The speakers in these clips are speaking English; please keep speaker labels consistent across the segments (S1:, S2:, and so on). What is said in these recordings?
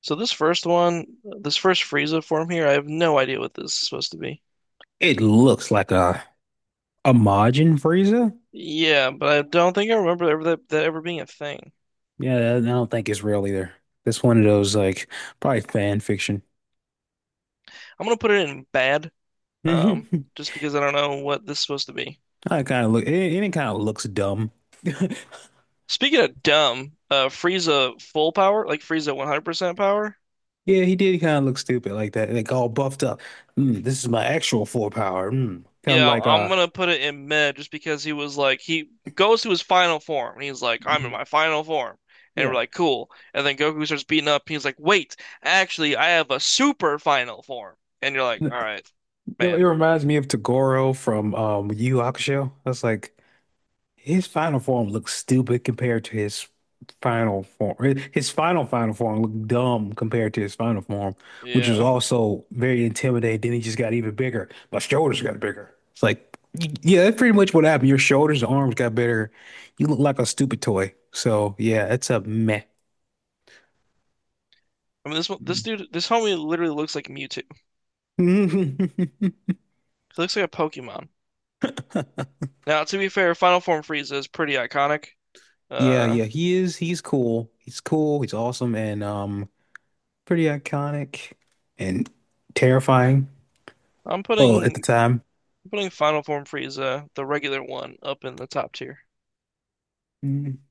S1: So this first one, this first Frieza form here, I have no idea what this is supposed to be.
S2: It looks like a Majin Frieza.
S1: Yeah, but I don't think I remember ever that ever being a thing.
S2: Yeah, I don't think it's real either. That's one of those, like, probably fan fiction.
S1: I'm gonna put it in bad,
S2: I
S1: um, just because I don't know what this is supposed to be.
S2: kind of look it, it kind of looks dumb.
S1: Speaking of dumb, Frieza full power, like Frieza 100% power.
S2: Yeah, he did kind of look stupid like that, like all buffed up. This is my actual full power. Mm. Kind of
S1: Yeah,
S2: like
S1: I'm gonna put it in mid just because he was like he goes to his final form and he's like, I'm in
S2: mm,
S1: my final form. And we're
S2: yeah.
S1: like, cool. And then Goku starts beating up and he's like, wait, actually I have a super final form. And you're like, all right,
S2: No, it
S1: man.
S2: reminds me of Togoro from Yu Yu Hakusho. That's like His final form looks stupid compared to his final form. His final final form looked dumb compared to his final form, which was
S1: Yeah.
S2: also very intimidating. Then he just got even bigger. My shoulders got bigger. It's like, yeah, that's pretty much what happened. Your shoulders and arms got bigger. You look like a stupid toy. So yeah, it's a meh.
S1: I mean this dude this homie literally looks like Mewtwo. He looks like a Pokemon. Now, to be fair, Final Form Frieza is pretty iconic.
S2: Yeah,
S1: Uh
S2: yeah, he is. He's cool. He's cool. He's awesome and pretty iconic and terrifying.
S1: I'm
S2: Well, at
S1: putting
S2: the
S1: I'm
S2: time.
S1: putting Final Form Frieza, the regular one, up in the top tier.
S2: Mm-hmm.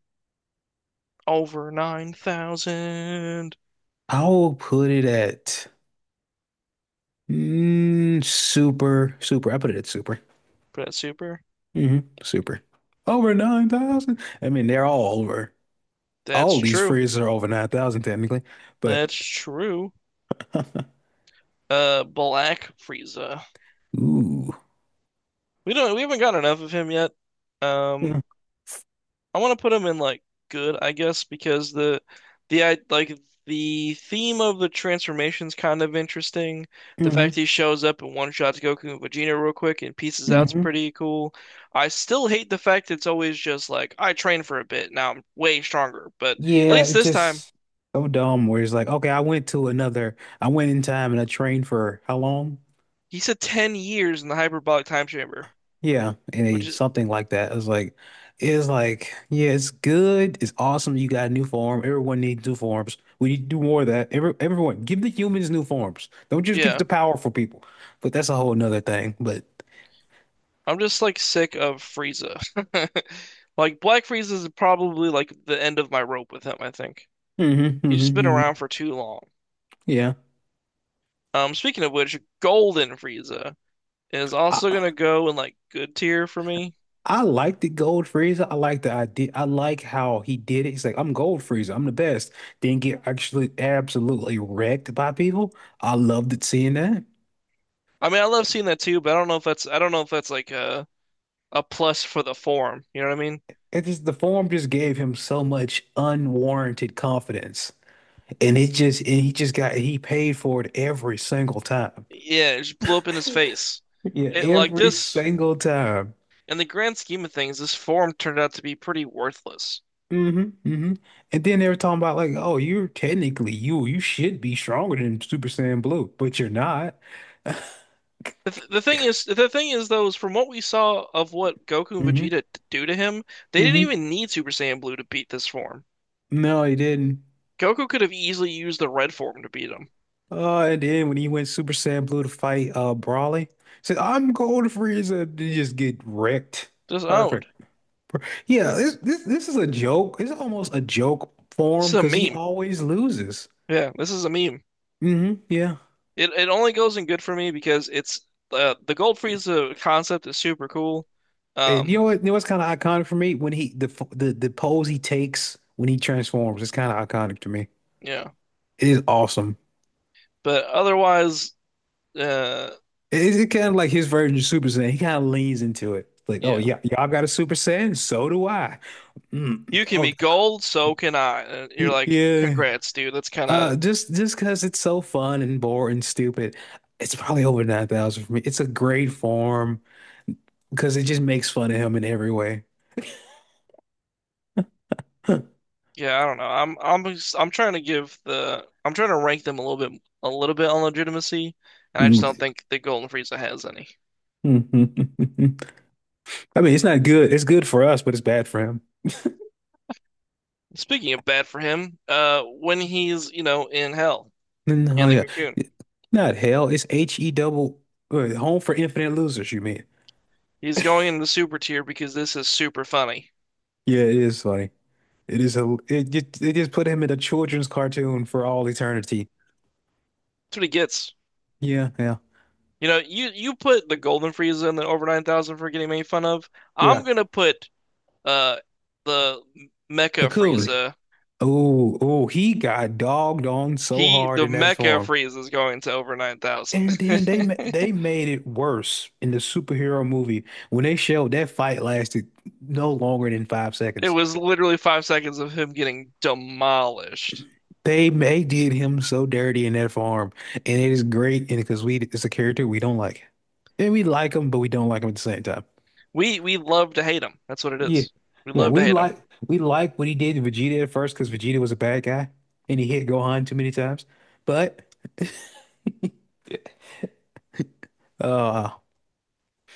S1: Over 9,000.
S2: I will put it at super, super. I put it at super.
S1: Put super.
S2: Super. Over 9,000. I mean, they're all over.
S1: That's
S2: All of these
S1: true.
S2: phrases are over 9,000 technically, but
S1: That's true. Black Frieza.
S2: ooh.
S1: We don't. We haven't got enough of him yet. Um,
S2: Yeah.
S1: I want to put him in like good, I guess, because the I like the theme of the transformation's kind of interesting. The
S2: hmm
S1: fact that he shows up and one shots Goku and Vegeta real quick and pieces out's
S2: hmm
S1: pretty cool. I still hate the fact it's always just like I trained for a bit, now I'm way stronger. But at
S2: Yeah,
S1: least
S2: it's
S1: this time,
S2: just so dumb where it's like, okay, I went in time and I trained for how long?
S1: he said 10 years in the hyperbolic time chamber,
S2: Yeah, and a
S1: which is
S2: something like that. It's like, yeah, it's good. It's awesome. You got a new form. Everyone needs new forms. We need to do more of that. Everyone, give the humans new forms. Don't just give
S1: Yeah,
S2: the powerful people. But that's a whole nother thing. But
S1: I'm just like sick of Frieza. Like Black Frieza is probably like the end of my rope with him, I think.
S2: mhm, mhm,
S1: He's just been around
S2: mhm.
S1: for too long.
S2: Yeah.
S1: Speaking of which, Golden Frieza is
S2: I,
S1: also gonna go in like good tier for me.
S2: I like the Gold Freezer. I like the idea. I like how he did it. He's like, I'm Gold Freezer. I'm the best. Then get actually absolutely wrecked by people. I loved it seeing that.
S1: I mean, I love seeing that too, but I don't know if that's I don't know if that's like a plus for the form. You know what I mean?
S2: It just The form just gave him so much unwarranted confidence, and it just and he just got he paid for it every single time.
S1: Yeah, it just blew up in his face.
S2: Yeah,
S1: It like
S2: every
S1: this
S2: single time.
S1: in the grand scheme of things, this form turned out to be pretty worthless.
S2: hmm hmm And then they were talking about, like, oh, you're technically you should be stronger than Super Saiyan Blue, but you're not.
S1: The thing is though, is from what we saw of what Goku and
S2: hmm
S1: Vegeta do to him, they didn't
S2: hmm
S1: even need Super Saiyan Blue to beat this form.
S2: No, he didn't.
S1: Goku could have easily used the red form to beat him.
S2: Oh, and then when he went Super Saiyan Blue to fight Brawly, said, I'm going to Frieza. They just get wrecked.
S1: Just owned.
S2: Perfect. Yeah, this is a joke. It's almost a joke
S1: This
S2: form
S1: is a
S2: because he
S1: meme.
S2: always loses.
S1: Yeah, this is a meme.
S2: Hmm, yeah.
S1: It only goes in good for me because it's the Gold Frieza concept is super cool.
S2: And you
S1: Um,
S2: know what? You know what's kind of iconic for me, when he, the f- the pose he takes when he transforms. It's kind of iconic to me.
S1: yeah,
S2: It is awesome.
S1: but otherwise, uh,
S2: It's it kind of like his version of Super Saiyan. He kind of leans into it. Like, oh
S1: yeah,
S2: yeah, y'all got a Super Saiyan, so do I. Mm,
S1: you can
S2: oh
S1: be gold, so can I. And
S2: God.
S1: you're like,
S2: Yeah.
S1: congrats, dude. That's kind of
S2: Just because it's so fun and boring and stupid, it's probably over 9,000 for me. It's a great form, because it just makes fun of him in every way.
S1: Yeah, I don't know. I'm trying to give the I'm trying to rank them a little bit on legitimacy, and I just
S2: Mm.
S1: don't think that Golden Frieza has any.
S2: I mean, it's not good. It's good for us, but it's bad for him.
S1: Speaking of bad for him, when he's, you know, in hell
S2: Mm, oh
S1: in the
S2: yeah,
S1: cocoon,
S2: not hell. It's H E double wait, Home for Infinite Losers, you mean?
S1: he's going into the super tier because this is super funny.
S2: Yeah, it is funny. It is a. It just they just put him in a children's cartoon for all eternity.
S1: That's what he gets.
S2: Yeah, yeah,
S1: You know, you put the Golden Frieza in the over 9,000 for getting made fun of. I'm
S2: yeah.
S1: gonna put uh the Mecha
S2: Cocoon.
S1: Frieza.
S2: Oh, oh, he got dogged on so
S1: He
S2: hard
S1: the
S2: in that
S1: Mecha
S2: form.
S1: Frieza is going to over 9,000.
S2: And then they made it worse in the superhero movie when they showed that fight lasted no longer than five
S1: It
S2: seconds.
S1: was literally 5 seconds of him getting demolished.
S2: They did him so dirty in that farm, and it is great, and because we it's a character we don't like, and we like him, but we don't like him at the same time.
S1: We love to hate him. That's what it
S2: Yeah,
S1: is. We
S2: yeah,
S1: love to
S2: we
S1: hate him.
S2: like we like what he did to Vegeta at first because Vegeta was a bad guy and he hit Gohan too many times, but uh,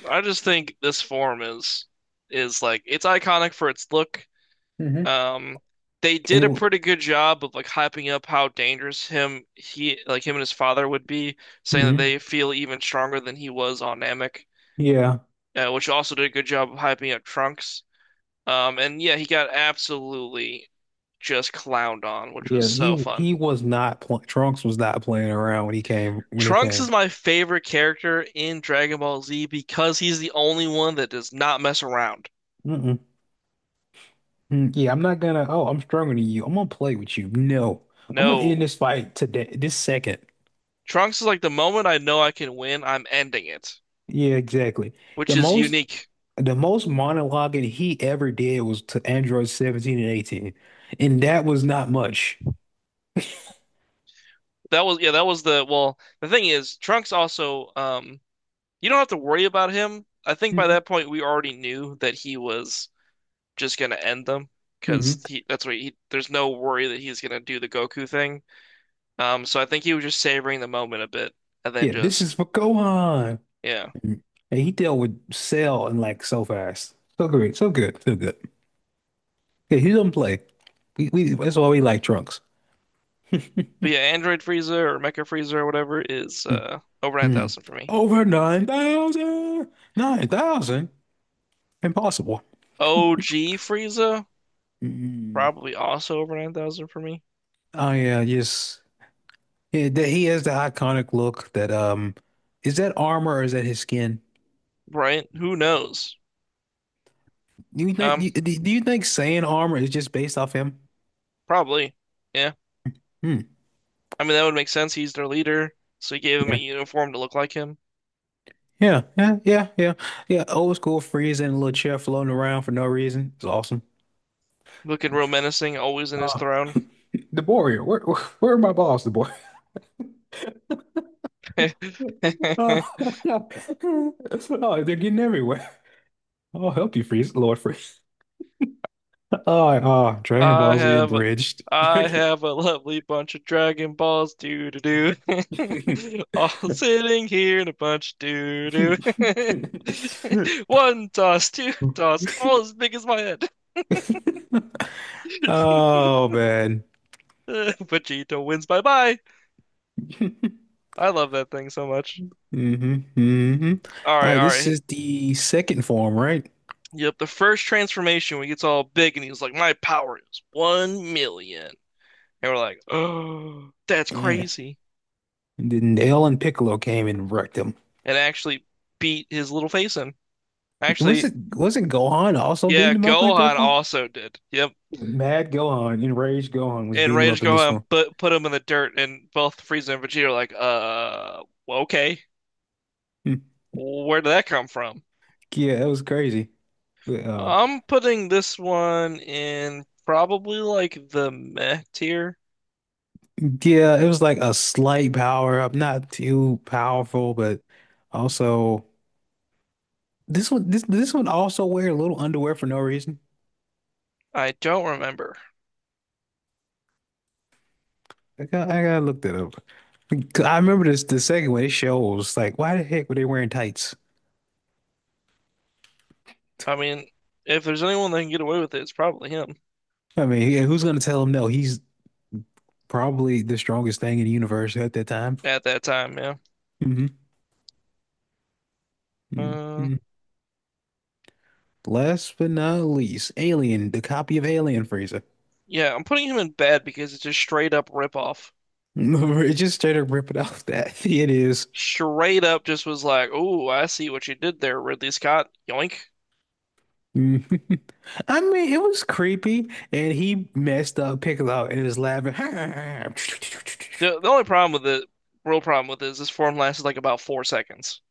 S1: I just think this form is like it's iconic for its look.
S2: mhm.
S1: Um, they
S2: And it,
S1: did a
S2: wa-
S1: pretty good job of like hyping up how dangerous him he like him and his father would be, saying that
S2: mhm.
S1: they feel even stronger than he was on Namek,
S2: Yeah.
S1: which also did a good job of hyping up Trunks. And yeah, he got absolutely just clowned on, which was
S2: Yeah,
S1: so fun.
S2: he was not pl Trunks was not playing around when he came when he
S1: Trunks is
S2: came.
S1: my favorite character in Dragon Ball Z because he's the only one that does not mess around.
S2: Mm-mm. Mm, yeah, I'm not gonna. Oh, I'm stronger than you. I'm gonna play with you. No, I'm gonna
S1: No.
S2: end this fight today, this second.
S1: Trunks is like the moment I know I can win, I'm ending it,
S2: Yeah, exactly.
S1: which
S2: The
S1: is
S2: most
S1: unique.
S2: the most monologuing he ever did was to Android 17 and 18, and that was not much.
S1: That was yeah, that was the well, the thing is, Trunks also you don't have to worry about him. I think by
S2: Mm-hmm.
S1: that point we already knew that he was just gonna end them
S2: Mm-hmm.
S1: because he that's what he there's no worry that he's gonna do the Goku thing. So I think he was just savoring the moment a bit and then
S2: Yeah, this
S1: just
S2: is for Gohan.
S1: yeah.
S2: Mhm. And he dealt with Cell and, like, so fast, so great, so good, so good. Yeah, he doesn't play. We, that's why we like Trunks.
S1: But yeah, Android Frieza or Mecha Frieza or whatever is over
S2: Mhm.
S1: 9,000 for me.
S2: Over 9,000! 9,000? Impossible.
S1: OG Frieza
S2: Mm.
S1: probably also over 9,000 for me.
S2: Oh yeah, yes. Yeah, that he has the iconic look that is that armor or is that his skin?
S1: Right? Who knows?
S2: Do you think
S1: Um,
S2: saying armor is just based off him?
S1: Probably. Yeah.
S2: Hmm.
S1: I mean that would make sense. He's their leader, so he gave him a
S2: Yeah.
S1: uniform to look like him.
S2: Yeah, yeah, yeah, yeah. Yeah, old school freeze in a little chair floating around for no reason. It's awesome.
S1: Looking real menacing, always in his
S2: Uh,
S1: throne.
S2: the warrior, where are my balls, the boy? Oh, oh, they're getting everywhere. I'll help you freeze, Lord freeze. Oh, oh, Dragon
S1: I
S2: Ball Z
S1: have
S2: abridged.
S1: I have a lovely bunch of Dragon Balls, doo doo doo. All sitting here in a bunch, doo doo. One toss, two toss, all as big as my head.
S2: Oh man.
S1: Vegeta wins, bye bye. I love that thing so much.
S2: hmm hmm
S1: All
S2: All
S1: right,
S2: right,
S1: all
S2: this
S1: right.
S2: is the second form, right?
S1: Yep, the first transformation when he gets all big and he's like, "My power is 1,000,000," and we're like, "Oh, that's
S2: Yeah.
S1: crazy!"
S2: And then Nail and Piccolo came and wrecked him.
S1: And actually beat his little face in. Actually,
S2: Wasn't Gohan also
S1: yeah,
S2: beating him up like that
S1: Gohan
S2: for?
S1: also did. Yep.
S2: Mad Gohan, enraged Gohan was
S1: And
S2: beating him
S1: Rage
S2: up in this
S1: Gohan
S2: one.
S1: put him in the dirt and both Frieza and Vegeta are like, well, okay.
S2: Hmm.
S1: Where did that come from?
S2: Yeah, that was crazy. Uh,
S1: I'm putting this one in probably like the meh tier.
S2: Yeah, it was like a slight power up, not too powerful, but also this one also wear a little underwear for no reason.
S1: I don't remember.
S2: I gotta look that up. 'Cause I remember this the second one, it shows like why the heck were they wearing tights?
S1: I mean, if there's anyone that can get away with it, it's probably him
S2: I mean, yeah, who's gonna tell him no? He's probably the strongest thing in the universe at that time.
S1: at that time, yeah.
S2: hmm
S1: Uh,
S2: hmm Last but not least, Alien, the copy of Alien Freezer.
S1: yeah, I'm putting him in bad because it's just straight up rip off.
S2: It just straight up ripping off that. It is.
S1: Straight up just was like, "Oh, I see what you did there, Ridley Scott." Yoink.
S2: Mhm. I mean, it was creepy, and he messed up Piccolo and is laughing.
S1: The only problem with it, real problem with it, is this form lasted like about 4 seconds.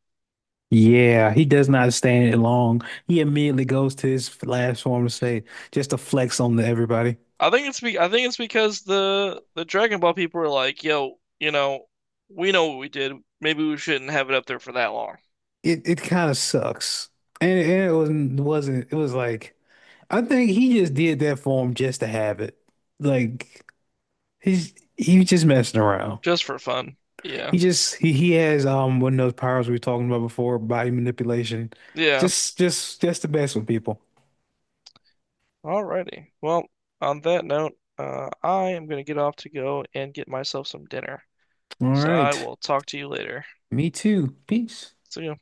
S2: Yeah, he does not stand it long. He immediately goes to his last form to say, just to flex on to everybody.
S1: I think it's because the Dragon Ball people are like, yo, you know, we know what we did. Maybe we shouldn't have it up there for that long,
S2: It kind of sucks, and it wasn't it was like I think he just did that for him just to have it. Like he was just messing around.
S1: just for fun. Yeah,
S2: He has one of those powers we were talking about before, body manipulation.
S1: yeah.
S2: Just the best with people.
S1: Alrighty. Well, on that note, I am gonna get off to go and get myself some dinner.
S2: All
S1: So I
S2: right.
S1: will talk to you later.
S2: Me too. Peace.
S1: See you.